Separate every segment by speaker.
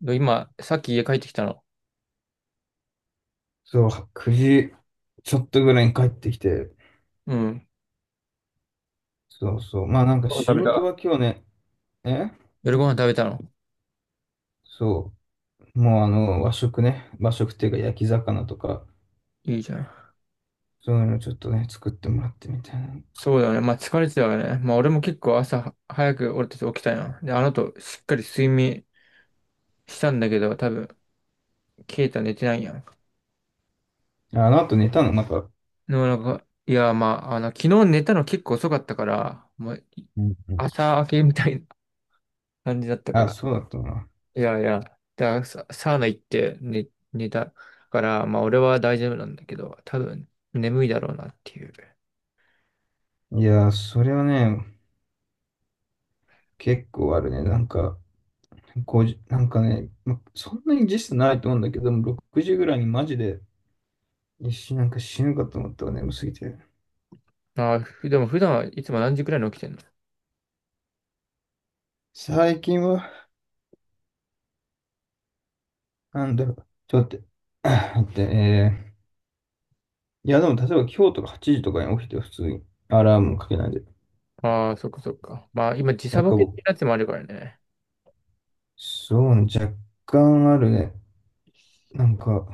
Speaker 1: で今、さっき家帰ってきたの。
Speaker 2: そう、9時ちょっとぐらいに帰ってきて、
Speaker 1: うん。
Speaker 2: そうそう、まあなんか
Speaker 1: ご飯
Speaker 2: 仕
Speaker 1: 食べ
Speaker 2: 事
Speaker 1: た
Speaker 2: は今日ね、え
Speaker 1: 夜ご飯食べたの。
Speaker 2: そう、もうあの和食ね、和食っていうか焼き魚とか、
Speaker 1: いいじゃん。
Speaker 2: そういうのちょっとね、作ってもらってみたい
Speaker 1: そうだよね。まあ疲れてたよね。まあ俺も結構朝早く俺たち起きたやん。で、あの後しっかり睡眠したんだけど、多分、ケイタ寝てないやん。
Speaker 2: な。ああの後寝たの、また。
Speaker 1: でもなんか、いや、まあ、昨日寝たの結構遅かったから、もう
Speaker 2: うんうん。
Speaker 1: 朝明けみたいな感じだったか
Speaker 2: あ、
Speaker 1: ら。
Speaker 2: そうだったな。
Speaker 1: いやいや、だサウナ行って寝たから、まあ俺は大丈夫なんだけど、多分眠いだろうなっていう。
Speaker 2: いやー、それはね、結構あるね。なんか、5時、なんかね、ま、そんなに時差ないと思うんだけども、6時ぐらいにマジで一瞬なんか死ぬかと思ったわ、眠すぎて。
Speaker 1: ああ、でも普段はいつも何時くらいに起きてんの？
Speaker 2: 最近はなんだろう。ちょっと待って。あ待って、いや、でも、例えば今日とか8時とかに起きて普通にアラームもかけないで。
Speaker 1: ああ、そっかそっか。まあ今時
Speaker 2: な
Speaker 1: 差
Speaker 2: ん
Speaker 1: ボ
Speaker 2: か
Speaker 1: ケっ
Speaker 2: 僕、
Speaker 1: てやつもあるからね。
Speaker 2: そうね、若干あるね。なんか、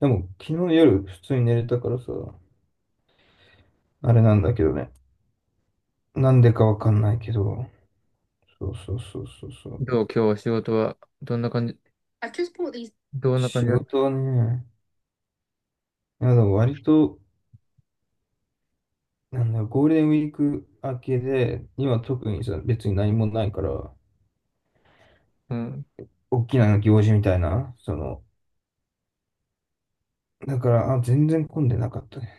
Speaker 2: でも昨日夜普通に寝れたからさ、あれなんだけどね。なんでかわかんないけど。そうそうそうそうそう。
Speaker 1: どう今日は仕事はどんな感じ、
Speaker 2: あ、結構いい。
Speaker 1: どんな感
Speaker 2: 仕
Speaker 1: じだっ
Speaker 2: 事
Speaker 1: た？
Speaker 2: はね、いやでも割と、なんだろう、ゴールデンウィーク明けで、今特にさ、別に何もないから、
Speaker 1: うん。
Speaker 2: 大きな行事みたいな、その、だから、あ、全然混んでなかったね。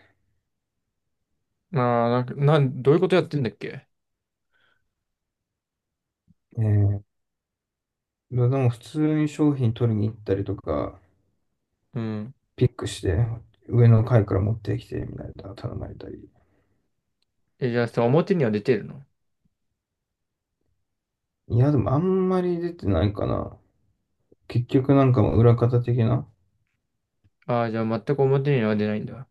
Speaker 1: ああ、なんか、どういうことやってんだっけ？
Speaker 2: えー、でも普通に商品取りに行ったりとか、
Speaker 1: うん。
Speaker 2: ピックして、上の階から持ってきて、みたいな、頼まれたり。
Speaker 1: え、じゃあさ、表には出てるの？
Speaker 2: いや、でもあんまり出てないかな。結局なんかもう裏方的な。
Speaker 1: ああ、じゃあ全く表には出ないんだ。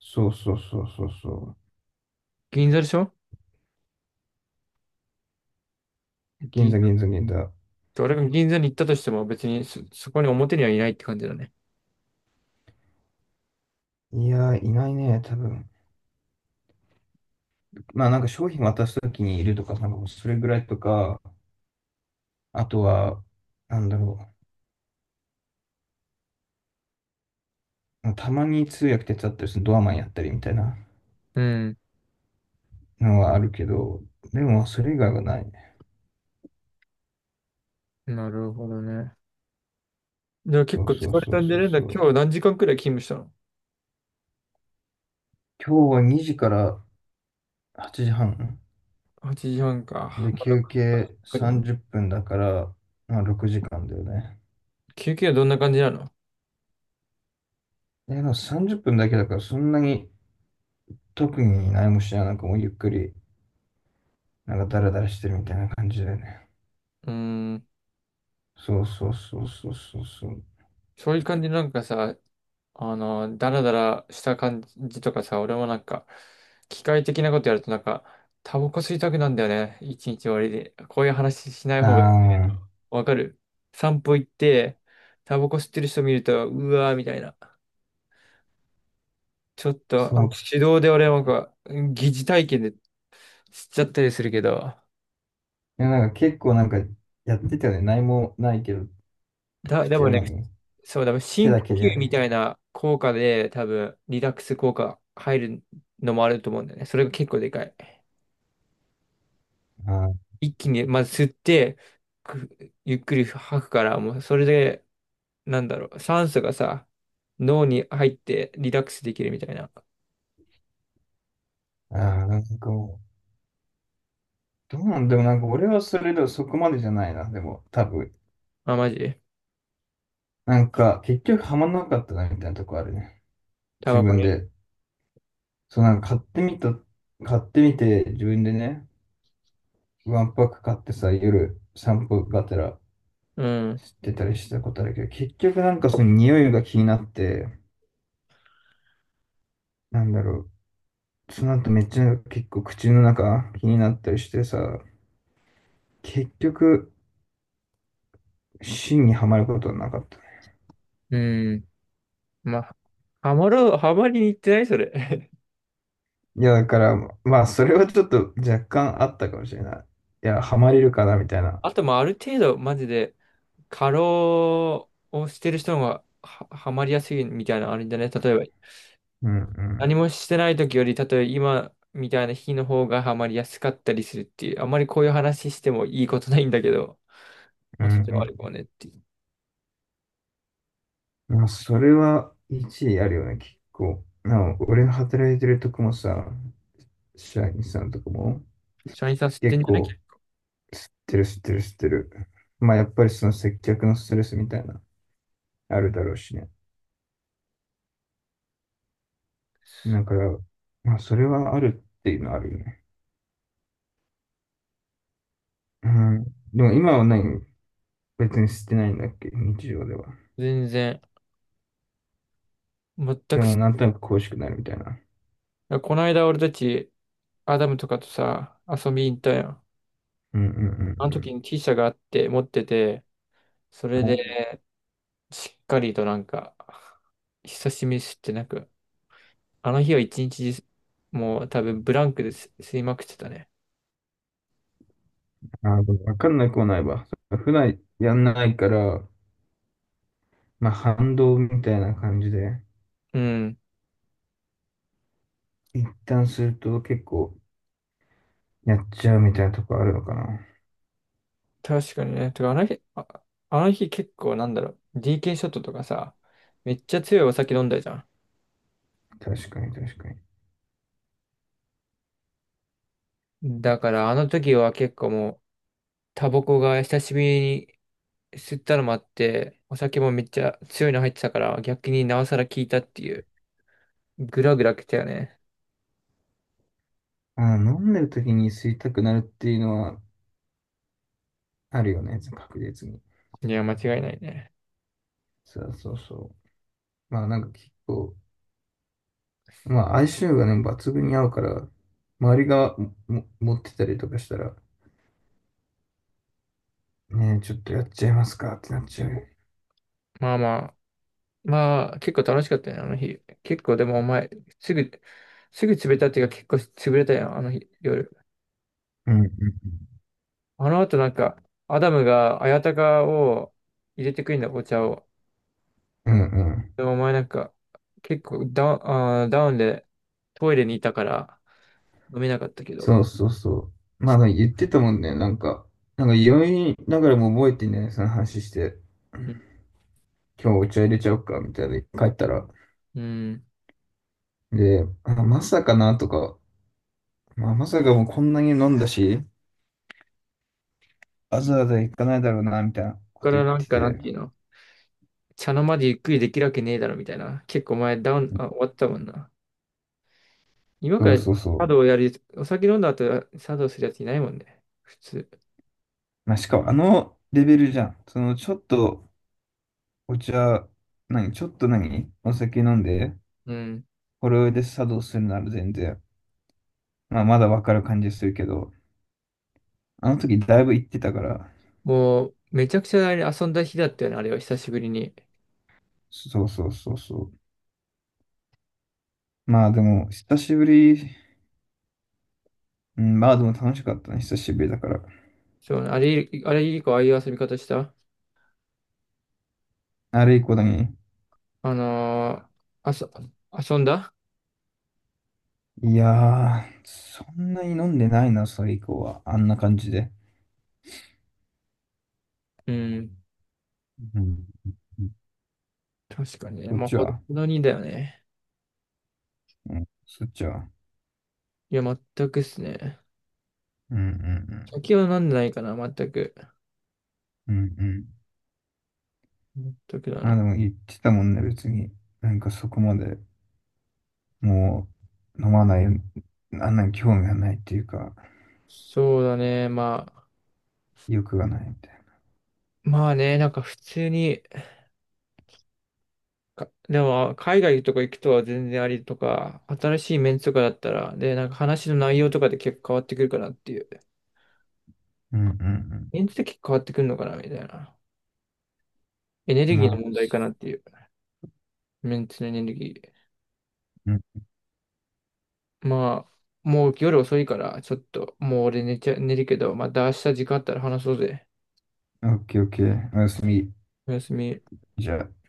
Speaker 2: そうそうそうそうそう。
Speaker 1: 銀座でしょ？
Speaker 2: 銀
Speaker 1: 銀
Speaker 2: 座
Speaker 1: 座。
Speaker 2: 銀座銀座。
Speaker 1: 俺が銀座に行ったとしても別にそこに表にはいないって感じだね。
Speaker 2: いやー、いないね、多分。まあなんか商品渡すときにいるとか、なんかもうそれぐらいとか、あとは、なんだろう。たまに通訳手伝ったりするドアマンやったりみたいな。
Speaker 1: うん。
Speaker 2: のはあるけど、でもそれ以外はないね。
Speaker 1: なるほどね。じゃあ
Speaker 2: そ
Speaker 1: 結
Speaker 2: う
Speaker 1: 構
Speaker 2: そう
Speaker 1: 疲れ
Speaker 2: そう
Speaker 1: たんじ
Speaker 2: そ
Speaker 1: ゃ
Speaker 2: う
Speaker 1: ねえんだ。
Speaker 2: そ
Speaker 1: 今
Speaker 2: う。
Speaker 1: 日何時間くらい勤務した
Speaker 2: 今日は2時から8時半
Speaker 1: の？ 8 時半か。
Speaker 2: で
Speaker 1: まあ、
Speaker 2: 休
Speaker 1: 6時間
Speaker 2: 憩
Speaker 1: くらい。
Speaker 2: 30分だから、まあ6時間だよね。
Speaker 1: 休憩はどんな感じなの？
Speaker 2: で、でも30分だけだからそんなに特に何もしない、なんかもうゆっくり、なんかダラダラしてるみたいな感じだよね。
Speaker 1: うーん、
Speaker 2: そうそうそうそうそうそう。
Speaker 1: そういう感じなんかさ、ダラダラした感じとかさ、俺もなんか、機械的なことやるとなんか、タバコ吸いたくなんだよね。一日終わりで。こういう話しない方がいい。
Speaker 2: ああ、
Speaker 1: わかる？散歩行って、タバコ吸ってる人見ると、うわーみたいな。ちょっと、
Speaker 2: そう。
Speaker 1: 手動で俺なんか、疑似体験で吸っちゃったりするけど、
Speaker 2: いや、なんか結構なんかやってたよね。何もないけど、
Speaker 1: で
Speaker 2: 口
Speaker 1: も
Speaker 2: は
Speaker 1: ね、
Speaker 2: 何
Speaker 1: そう、
Speaker 2: 手
Speaker 1: 深
Speaker 2: だ
Speaker 1: 呼
Speaker 2: けで
Speaker 1: 吸
Speaker 2: や
Speaker 1: み
Speaker 2: る。
Speaker 1: たいな効果で、多分、リラックス効果入るのもあると思うんだよね。それが結構でかい。
Speaker 2: あー
Speaker 1: 一気に、まず吸って、くゆっくり吐くから、もう、それで、なんだろう、酸素がさ、脳に入ってリラックスできるみたいな。
Speaker 2: あー、なんかもうどうなんでもなんか俺はそれでもそこまでじゃないな、でも多分。
Speaker 1: あ、マジ？
Speaker 2: なんか結局ハマんなかったなみたいなとこあるね。
Speaker 1: タ
Speaker 2: 自
Speaker 1: バコ
Speaker 2: 分
Speaker 1: ね。
Speaker 2: で。そうなんか買ってみて自分でね、ワンパック買ってさ、夜散歩がてら
Speaker 1: うん。
Speaker 2: してたりしたことあるけど、結局なんかその匂いが気になって、なんだろう、その後めっちゃ結構口の中気になったりしてさ、結局芯にはまることはなかった。
Speaker 1: うん。まあ、ハマりに行ってないそれ。
Speaker 2: いや、だから、まあ、それはちょっと若干あったかもしれない。いや、ハマれるかな、みたい な。
Speaker 1: あと、まあ、ある程度、マジで、過労をしてる人の方がは、ハマりやすいみたいなのあるんじゃない？例えば、
Speaker 2: うんうん、
Speaker 1: 何もしてない時より、例えば今みたいな日の方がハマりやすかったりするっていう、あんまりこういう話してもいいことないんだけど、
Speaker 2: う
Speaker 1: まあ、それはあるかも
Speaker 2: ん
Speaker 1: ねっていう。
Speaker 2: うん。まあ、それは一理あるよね、結構。なお、俺の働いてるとこもさ、社員さんとかも、
Speaker 1: 社員さん知って
Speaker 2: 結
Speaker 1: んじゃな
Speaker 2: 構、
Speaker 1: い？
Speaker 2: 知ってる知ってる知ってる。まあ、やっぱりその接客のストレスみたいな、あるだろうしね。だから、まあ、それはあるっていうのはあるよね。うん。でも今は何別に捨てないんだっけ日常では。
Speaker 1: 全然、全
Speaker 2: で
Speaker 1: く
Speaker 2: も、
Speaker 1: 知、
Speaker 2: なんとなく恋しくなるみたいな。
Speaker 1: この間俺たち、アダムとかとさ、遊びに行ったやん。
Speaker 2: うんうん
Speaker 1: あの
Speaker 2: う
Speaker 1: 時
Speaker 2: ん
Speaker 1: に T 社があって、持ってて、それ
Speaker 2: う
Speaker 1: で、
Speaker 2: ん。
Speaker 1: しっかりとなんか、久しぶりに吸ってなく、あの日は一日中、もう多分ブランクです、吸いまくってたね。
Speaker 2: ああ、でもわかんなくはないわ。普段やんないから、まあ反動みたいな感じで、
Speaker 1: うん。
Speaker 2: 一旦すると結構やっちゃうみたいなとこあるのかな。
Speaker 1: 確かにね。てか、あの日、あ、あの日結構なんだろう、DK ショットとかさ、めっちゃ強いお酒飲んだじゃ
Speaker 2: 確かに確かに。
Speaker 1: ん。だから、あの時は結構もう、タバコが久しぶりに吸ったのもあって、お酒もめっちゃ強いの入ってたから、逆になおさら効いたっていう、グラグラ来たよね。
Speaker 2: ああ、飲んでる時に吸いたくなるっていうのはあるよね、確実に。
Speaker 1: いや、間違いないね。
Speaker 2: そうそうそう。まあなんか結構、まあ相性がね、抜群に合うから、周りがも持ってたりとかしたら、ねえ、ちょっとやっちゃいますかってなっちゃう。
Speaker 1: まあまあ、まあ、結構楽しかったね、あの日。結構でもお前、すぐ、すぐ潰れたっていうか結構潰れたよ、あの日、夜。
Speaker 2: うんうん
Speaker 1: あの後なんか、アダムが綾鷹を入れてくるんだ、お茶を。
Speaker 2: うん。う
Speaker 1: で
Speaker 2: ん
Speaker 1: もお前なんか、結構ダウンでトイレにいたから飲めなかったけど。
Speaker 2: そうそうそう。まあ、言ってたもんね。なんか酔いながらも覚えてね、その話して、
Speaker 1: うん。
Speaker 2: 今日お茶入れちゃおうか、みたいな、帰ったら。
Speaker 1: うん。
Speaker 2: で、あ、まさかな、とか、まあ、まさかもうこんなに飲んだし、わざわざ行かないだろうな、みたいなこ
Speaker 1: ここか
Speaker 2: と
Speaker 1: ら
Speaker 2: 言っ
Speaker 1: なん
Speaker 2: て
Speaker 1: か、なん
Speaker 2: て。
Speaker 1: ていうの？茶の間でゆっくりできるわけねえだろみたいな。結構お前ダウン、終わったもんな。今か
Speaker 2: そう
Speaker 1: ら
Speaker 2: そうそ
Speaker 1: 茶
Speaker 2: う。
Speaker 1: 道やる？お酒飲んだ後茶道するやついないもんね。普通。
Speaker 2: まあ、しかもあのレベルじゃん。その、ちょっとお茶、何、ちょっと何、お酒飲んで、
Speaker 1: うん。
Speaker 2: これで作動するなら全然、まあ、まだわかる感じするけど、あの時だいぶ行ってたから、
Speaker 1: もう、めちゃくちゃあれ遊んだ日だったよね、あれは久しぶりに。
Speaker 2: そうそうそうそう。まあでも、久しぶり、うん、まあでも楽しかったね、久しぶりだから。
Speaker 1: そう、あれ以降ああいう遊び方した？
Speaker 2: あれ以降だね。
Speaker 1: あのーあそ、遊んだ？
Speaker 2: いやー、そんなに飲んでないな、それ以降は。あんな感じで。
Speaker 1: うん。
Speaker 2: うん。
Speaker 1: 確かにね。
Speaker 2: そっ
Speaker 1: まあ、
Speaker 2: ち
Speaker 1: ほど
Speaker 2: は、
Speaker 1: ほどにだよね。
Speaker 2: うん、そっちは。
Speaker 1: いや、全くっすね。
Speaker 2: うんうん
Speaker 1: 酒は飲んでないかな、全く。
Speaker 2: うん。うんうん。
Speaker 1: 全くだ
Speaker 2: まあ
Speaker 1: な。
Speaker 2: でも言ってたもんね、別に。なんかそこまで、もう、飲まない、あんなに興味がないっていうか、
Speaker 1: そうだね。まあ、
Speaker 2: 欲がないみたい
Speaker 1: まあね、なんか普通に、でも、海外とか行くとは全然ありとか、新しいメンツとかだったら、で、なんか話の内容とかで結構変わってくるかなっていう。
Speaker 2: な。うんうん
Speaker 1: メンツで結構変わってくるのかな、みたいな。エネ
Speaker 2: う
Speaker 1: ル
Speaker 2: ん。
Speaker 1: ギー
Speaker 2: ま
Speaker 1: の
Speaker 2: あ、
Speaker 1: 問題かなっていう。メンツのエネルギー。
Speaker 2: うん。
Speaker 1: まあ、もう夜遅いから、ちょっと、もう俺寝ちゃ、寝るけど、また明日時間あったら話そうぜ。
Speaker 2: オッケーオッケー。おやすみ。
Speaker 1: おやすみ。
Speaker 2: じゃあ。